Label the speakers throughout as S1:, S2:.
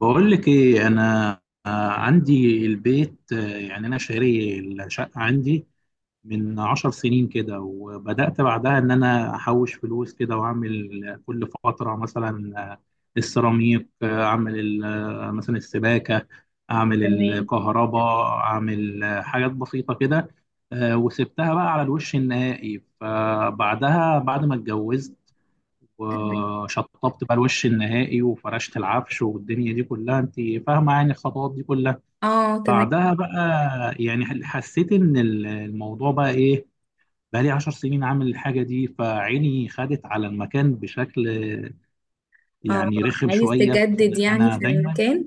S1: بقول لك ايه انا. عندي البيت. يعني انا شاري الشقه عندي من 10 سنين كده، وبدات بعدها ان انا احوش فلوس كده، واعمل كل فتره مثلا السيراميك، آه، اعمل ال- آه، مثلا السباكه، اعمل
S2: تمام،
S1: الكهرباء، اعمل حاجات بسيطه كده. وسبتها بقى على الوش النهائي، فبعدها بعد ما اتجوزت
S2: تمام.
S1: وشطبت بقى الوش النهائي وفرشت العفش والدنيا دي كلها، انت فاهمه يعني الخطوات دي كلها.
S2: اه. تمام.
S1: بعدها بقى يعني حسيت ان الموضوع بقى ايه، بقى لي 10 سنين عامل الحاجه دي، فعيني خدت على المكان بشكل
S2: اه،
S1: يعني رخم
S2: عايز
S1: شويه،
S2: تجدد
S1: فانا
S2: يعني في
S1: دايما.
S2: المكان.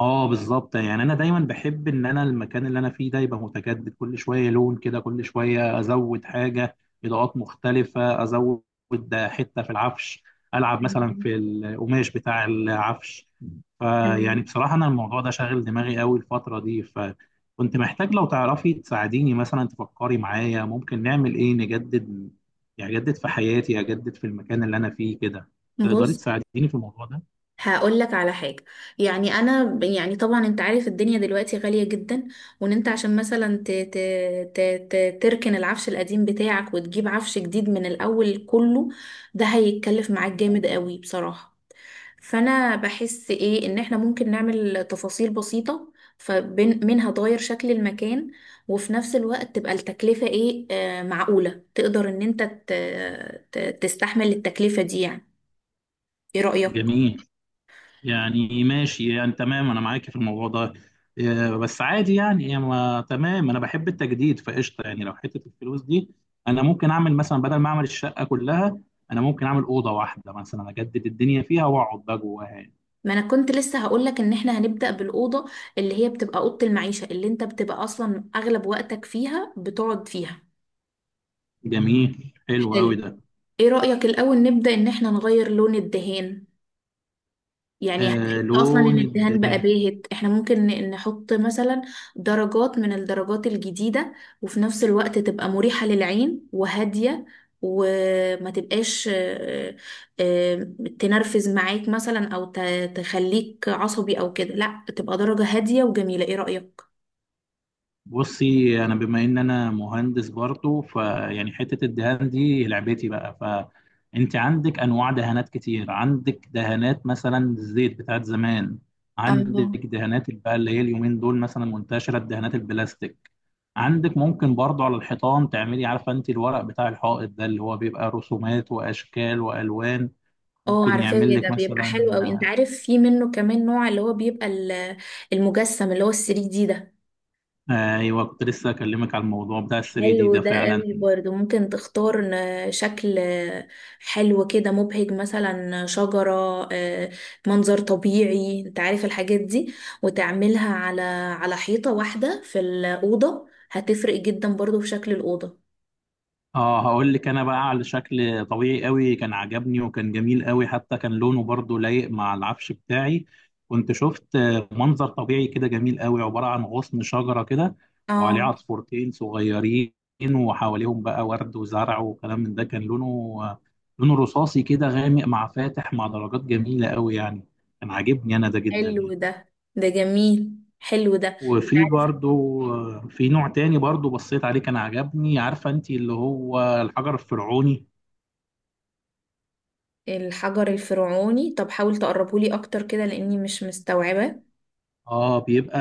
S1: اه بالظبط، يعني انا دايما بحب ان انا المكان اللي انا فيه ده يبقى متجدد، كل شويه لون كده، كل شويه ازود حاجه، اضاءات مختلفه ازود، حته في العفش، العب مثلا
S2: تمام.
S1: في القماش بتاع العفش. فيعني
S2: تمام.
S1: بصراحه انا الموضوع ده شاغل دماغي قوي الفتره دي، فكنت محتاج لو تعرفي تساعديني، مثلا تفكري معايا ممكن نعمل ايه نجدد، يعني اجدد في حياتي، اجدد في المكان اللي انا فيه كده. تقدري
S2: بص،
S1: تساعديني في الموضوع ده؟
S2: هقول لك على حاجة. يعني أنا يعني طبعا أنت عارف الدنيا دلوقتي غالية جدا. وإن أنت عشان مثلا ت ت ت ت تركن العفش القديم بتاعك وتجيب عفش جديد من الأول كله، ده هيتكلف معاك جامد قوي بصراحة. فانا بحس ايه ان احنا ممكن نعمل تفاصيل بسيطة، فمنها تغير شكل المكان. وفي نفس الوقت تبقى التكلفة ايه معقولة، تقدر ان انت تستحمل التكلفة دي يعني. ايه رأيك؟
S1: جميل، يعني ماشي، يعني تمام، انا معاك في الموضوع ده. بس عادي يعني، ما تمام، انا بحب التجديد فقشطه، يعني لو حته الفلوس دي انا ممكن اعمل مثلا، بدل ما اعمل الشقه كلها، انا ممكن اعمل اوضه واحده مثلا، اجدد الدنيا فيها واقعد بقى جواها يعني.
S2: ما انا كنت لسه هقولك ان احنا هنبدأ بالأوضة، اللي هي بتبقى أوضة المعيشة، اللي انت بتبقى اصلا اغلب وقتك فيها، بتقعد فيها.
S1: جميل، حلو قوي
S2: حلو.
S1: ده.
S2: ايه رأيك الأول نبدأ ان احنا نغير لون الدهان؟ يعني هتحس
S1: آه،
S2: اصلا ان
S1: لون
S2: الدهان بقى
S1: الدنيا.
S2: باهت، احنا ممكن نحط مثلا درجات من الدرجات الجديدة. وفي نفس الوقت تبقى مريحة للعين وهادية، وما تبقاش آه، تنرفز معاك مثلا او تخليك عصبي او كده. لا، بتبقى درجة هادية وجميلة. ايه رأيك؟
S1: بصي انا بما ان انا مهندس برضه، فيعني حته الدهان دي لعبتي بقى، فانت عندك انواع دهانات كتير، عندك دهانات مثلا الزيت بتاعت زمان،
S2: اه.
S1: عندك دهانات بقى اللي هي اليومين دول مثلا منتشره، الدهانات البلاستيك. عندك ممكن برضه على الحيطان تعملي، عارفه انت الورق بتاع الحائط ده اللي هو بيبقى رسومات واشكال والوان،
S2: اه،
S1: ممكن
S2: عارفاه
S1: يعمل
S2: ده
S1: لك
S2: بيبقى حلو
S1: مثلا.
S2: قوي. انت عارف في منه كمان نوع اللي هو بيبقى المجسم اللي هو ال 3 دي ده.
S1: آه، ايوه، كنت لسه اكلمك على الموضوع بتاع ال 3 دي
S2: حلو
S1: ده
S2: ده
S1: فعلا.
S2: قوي، برضه ممكن تختار شكل حلو كده، مبهج، مثلا شجرة، آه، منظر طبيعي، انت عارف الحاجات دي. وتعملها على حيطة واحدة في الأوضة، هتفرق جدا برضه في شكل الأوضة.
S1: اه، هقول لك انا بقى، على شكل طبيعي قوي كان عجبني، وكان جميل قوي، حتى كان لونه برضو لايق مع العفش بتاعي. كنت شفت منظر طبيعي كده جميل قوي، عبارة عن غصن شجرة كده، وعليه
S2: اه،
S1: عصفورتين صغيرين، وحواليهم بقى ورد وزرع وكلام من ده، كان لونه لونه رصاصي كده، غامق مع فاتح، مع درجات جميلة قوي يعني، كان عاجبني انا ده جدا
S2: حلو
S1: يعني.
S2: ده. ده جميل. حلو ده. انت
S1: وفي
S2: عارف
S1: برضو في نوع تاني برضو بصيت عليه كان عجبني، عارفة انت اللي هو الحجر الفرعوني.
S2: الحجر الفرعوني؟ طب حاول تقربهولي اكتر كده لاني مش مستوعبة.
S1: اه، بيبقى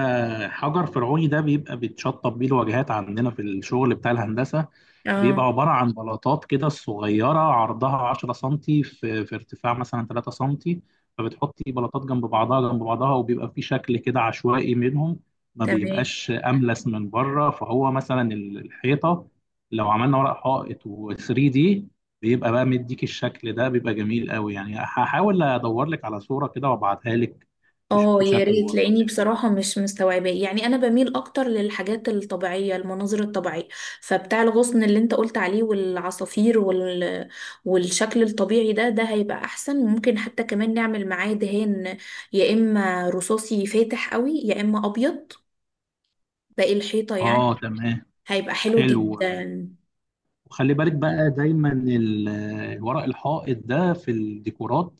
S1: حجر فرعوني ده، بيبقى بيتشطب بيه الواجهات عندنا في الشغل بتاع الهندسة،
S2: اه،
S1: بيبقى عبارة عن بلاطات كده صغيرة عرضها 10 سنتي في ارتفاع مثلا 3 سنتي، فبتحطي بلاطات جنب بعضها جنب بعضها، وبيبقى في شكل كده عشوائي منهم، ما
S2: تمام.
S1: بيبقاش أملس من بره، فهو مثلا الحيطة لو عملنا ورق حائط و3 دي، بيبقى بقى مديك، الشكل ده بيبقى جميل قوي يعني، هحاول ادور لك على صورة كده وابعتها لك
S2: اه،
S1: تشوفي
S2: يا
S1: شكله
S2: ريت لاني
S1: برضه.
S2: بصراحة مش مستوعباه. يعني انا بميل اكتر للحاجات الطبيعية، المناظر الطبيعية. فبتاع الغصن اللي انت قلت عليه والعصافير والشكل الطبيعي ده هيبقى احسن. ممكن حتى كمان نعمل معاه دهان، يا اما رصاصي فاتح قوي، يا اما ابيض باقي الحيطة
S1: اه
S2: يعني.
S1: تمام،
S2: هيبقى حلو
S1: حلو.
S2: جدا.
S1: وخلي بالك بقى دايما الورق الحائط ده في الديكورات،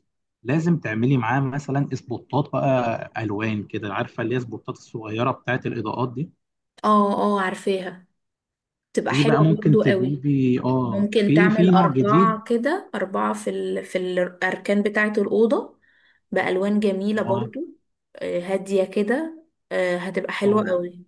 S1: لازم تعملي معاه مثلا اسبوتات بقى الوان كده، عارفه اللي هي اسبوتات الصغيره بتاعت الاضاءات دي.
S2: اه. اه، عارفاها. تبقى
S1: دي بقى
S2: حلوة
S1: ممكن
S2: برضو قوي.
S1: تجيبي، اه،
S2: ممكن
S1: في
S2: تعمل
S1: في نوع جديد.
S2: أربعة كده، أربعة في الأركان بتاعة الأوضة، بألوان جميلة
S1: اه،
S2: برضو. هادية كده. هتبقى حلوة
S1: اه،
S2: قوي.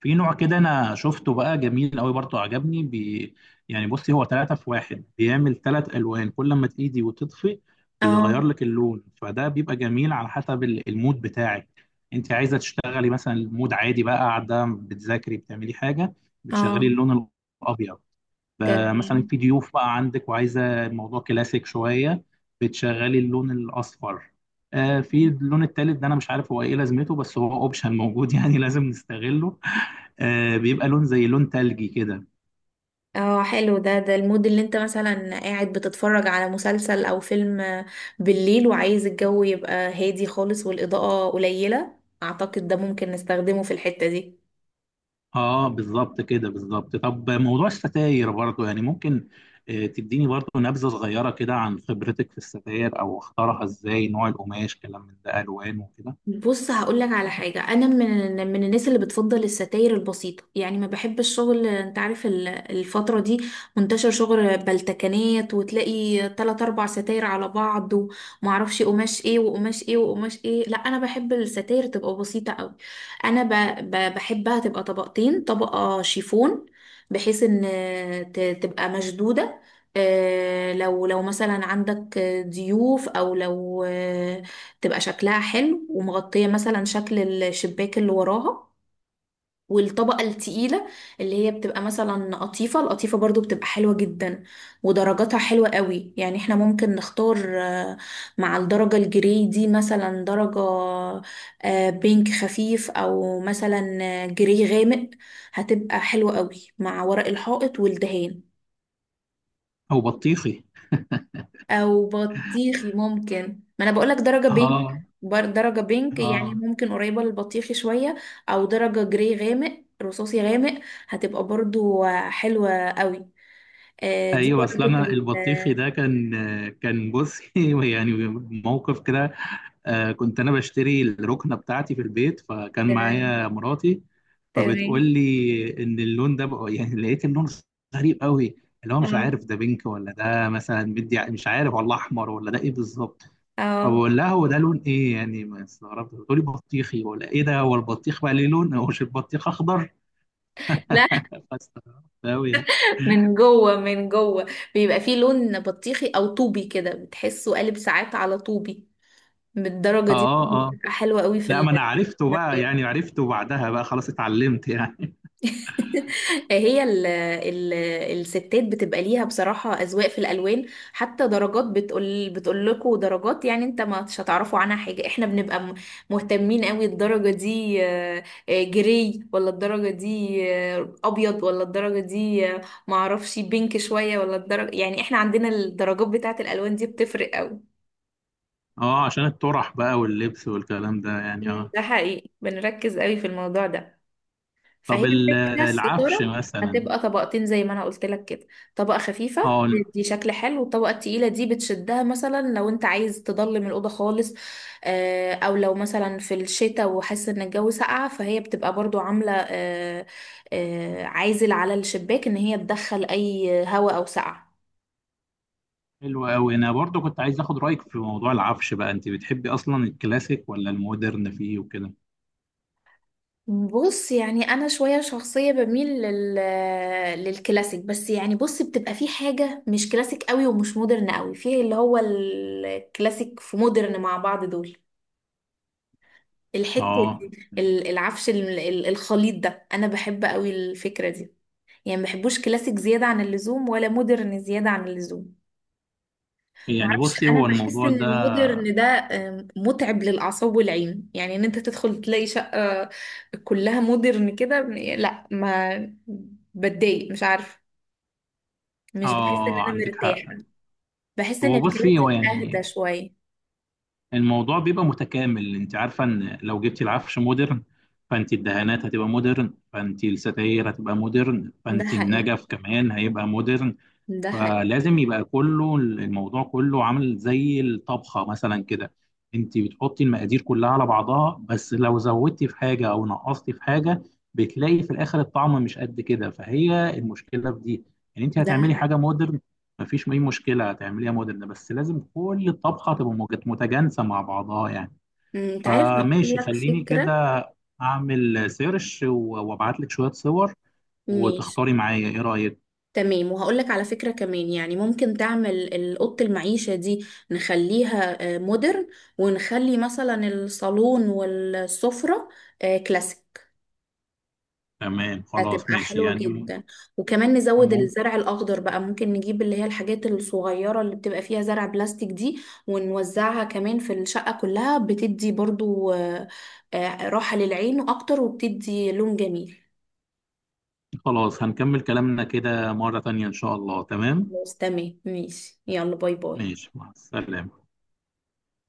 S1: في نوع كده انا شفته بقى جميل قوي برضه، عجبني بي، يعني بصي هو 3 في 1، بيعمل 3 الوان، كل ما تأيدي وتطفي
S2: اه.
S1: بيغير لك اللون، فده بيبقى جميل على حسب المود بتاعك. انت عايزة تشتغلي مثلا، المود عادي بقى، قاعدة بتذاكري بتعملي حاجة، بتشغلي
S2: اه،
S1: اللون الابيض. ب- مثلا
S2: تمام.
S1: في ضيوف بقى عندك، وعايزة الموضوع كلاسيك شوية، بتشغلي اللون الاصفر. في اللون التالت ده انا مش عارف هو ايه لازمته، بس هو اوبشن موجود يعني لازم نستغله. بيبقى لون زي لون تلجي كده.
S2: اه، حلو ده. ده المود اللي انت مثلا قاعد بتتفرج على مسلسل او فيلم بالليل، وعايز الجو يبقى هادي خالص والإضاءة قليلة. اعتقد ده ممكن نستخدمه في الحتة دي.
S1: اه، بالظبط كده، بالظبط. طب موضوع الستاير برضو يعني ممكن تديني برضو نبذة صغيرة كده عن خبرتك في الستاير، او اختارها ازاي، نوع القماش، كلام من ده، الوان وكده.
S2: بص، هقول لك على حاجة. أنا من الناس اللي بتفضل الستاير البسيطة. يعني ما بحب الشغل. أنت عارف الفترة دي منتشر شغل بلتكنات، وتلاقي تلات أربع ستاير على بعض. ومعرفش قماش إيه وقماش إيه وقماش إيه. لا، أنا بحب الستاير تبقى بسيطة أوي. أنا بحبها تبقى طبقتين، طبقة شيفون. بحيث إن تبقى مشدودة. لو مثلا عندك ضيوف، أو لو تبقى شكلها حلو ومغطية مثلا شكل الشباك اللي وراها. والطبقة التقيلة اللي هي بتبقى مثلا قطيفة. القطيفة برضو بتبقى حلوة جدا، ودرجاتها حلوة قوي. يعني احنا ممكن نختار مع الدرجة الجري دي، مثلا درجة بينك خفيف، او مثلا جري غامق. هتبقى حلوة قوي مع ورق الحائط والدهان.
S1: او بطيخي.
S2: او بطيخي ممكن. ما انا بقولك درجة بينك.
S1: اه،
S2: درجة بينك، يعني
S1: اه،
S2: ممكن قريبة للبطيخي شوية. او درجة جري غامق، رصاصي غامق، هتبقى برضو حلوة قوي. دي
S1: ايوه، اصل
S2: درجة
S1: انا البطيخي ده كان، بصي يعني، موقف كده. كنت انا بشتري الركنه بتاعتي في البيت، فكان
S2: تمام.
S1: معايا مراتي، فبتقول
S2: تمام.
S1: لي ان اللون ده بقى يعني، لقيت اللون غريب قوي، اللي هو مش
S2: اه.
S1: عارف ده بينك، ولا ده مثلا مدي، مش عارف، ولا احمر، ولا ده ايه بالظبط،
S2: اه.
S1: فبقول لها هو ده لون ايه يعني؟ ما استغربت، بتقول لي بطيخي، ولا ايه ده؟ هو البطيخ بقى ليه لون؟ هو مش البطيخ اخضر؟
S2: لا.
S1: فاستغربت قوي، اه.
S2: من جوه، من جوه بيبقى فيه لون بطيخي او طوبي كده، بتحسه قالب ساعات على طوبي. بالدرجة دي
S1: اه. آه.
S2: بتبقى حلوة قوي
S1: لا،
S2: في
S1: ما انا عرفته بقى
S2: المخبز.
S1: يعني، عرفته بعدها بقى، خلاص اتعلمت يعني
S2: هي ال ال الستات بتبقى ليها بصراحة أذواق في الألوان. حتى درجات، بتقول لكم درجات يعني انت ما مش هتعرفوا عنها حاجة. احنا بنبقى مهتمين قوي. الدرجة دي جري، ولا الدرجة دي أبيض، ولا الدرجة دي معرفش بينك شوية، ولا الدرجة، يعني احنا عندنا الدرجات بتاعة الألوان دي بتفرق قوي.
S1: اه، عشان الطرح بقى واللبس والكلام ده يعني،
S2: مم.
S1: اه.
S2: ده حقيقي، بنركز قوي في الموضوع ده. فهي
S1: طب
S2: الفكرة.
S1: العفش
S2: الستارة
S1: مثلا.
S2: هتبقى طبقتين زي ما انا قلت لك كده، طبقة خفيفة.
S1: اه،
S2: دي شكل حلو، والطبقة التقيلة دي بتشدها مثلا لو انت عايز تضلم الأوضة خالص. او لو مثلا في الشتاء وحاسس ان الجو ساقعة، فهي بتبقى برضو عاملة عازل على الشباك ان هي تدخل اي هواء او سقعة.
S1: حلو قوي، انا برضو كنت عايز اخد رايك في موضوع العفش بقى، انت بتحبي اصلا الكلاسيك ولا المودرن فيه وكده؟
S2: بص، يعني انا شويه شخصيه بميل للكلاسيك. بس يعني بص، بتبقى في حاجه مش كلاسيك قوي ومش مودرن قوي، في اللي هو الكلاسيك في مودرن مع بعض دول. الحته
S1: اه،
S2: دي، العفش الخليط ده، انا بحب قوي الفكره دي. يعني ما بحبوش كلاسيك زياده عن اللزوم، ولا مودرن زياده عن اللزوم.
S1: يعني
S2: معرفش،
S1: بصي
S2: انا
S1: هو
S2: بحس
S1: الموضوع
S2: ان
S1: ده.
S2: المودرن ده متعب للاعصاب والعين. يعني ان انت تدخل تلاقي شقة كلها مودرن كده. لا. ما بتضايق، مش عارفه، مش بحس ان
S1: اه
S2: انا
S1: عندك حق.
S2: مرتاحه. بحس ان
S1: هو بصي هو
S2: الكلاسيك
S1: يعني،
S2: اهدى شويه.
S1: الموضوع بيبقى متكامل، انت عارفه ان لو جبتي العفش مودرن، فانت الدهانات هتبقى مودرن، فانت الستاير هتبقى مودرن،
S2: ده
S1: فانت
S2: حقيقي.
S1: النجف كمان هيبقى مودرن.
S2: ده حقيقي.
S1: فلازم يبقى كله، الموضوع كله عامل زي الطبخة مثلا كده، انت بتحطي المقادير كلها على بعضها، بس لو زودتي في حاجة او نقصتي في حاجة، بتلاقي في الاخر الطعم مش قد كده، فهي المشكلة في دي. يعني انت
S2: ده
S1: هتعملي
S2: حقيقي.
S1: حاجة مودرن، مفيش اي مشكلة، هتعمليها مودرن، بس لازم كل الطبخة تبقى متجانسة مع بعضها يعني.
S2: انت عارف، اقول
S1: فماشي،
S2: لك
S1: خليني كده
S2: فكره.
S1: اعمل سيرش وابعت لك شوية صور، وتختاري
S2: ماشي.
S1: معايا، ايه رأيك؟
S2: تمام. وهقولك على فكرة كمان. يعني ممكن تعمل أوضة المعيشة دي، نخليها مودرن، ونخلي مثلا الصالون والسفرة كلاسيك.
S1: تمام، خلاص
S2: هتبقى
S1: ماشي
S2: حلوة
S1: يعني.
S2: جدا. وكمان نزود
S1: ممكن.
S2: الزرع الأخضر بقى، ممكن نجيب اللي هي الحاجات الصغيرة اللي بتبقى فيها زرع بلاستيك دي. ونوزعها كمان في الشقة كلها، بتدي برضو راحة للعين أكتر، وبتدي لون جميل.
S1: خلاص، هنكمل كلامنا كده مرة تانية إن شاء الله، تمام.
S2: خلاص. تمام. ماشي. يلا، باي باي.
S1: ماشي، مع السلامة.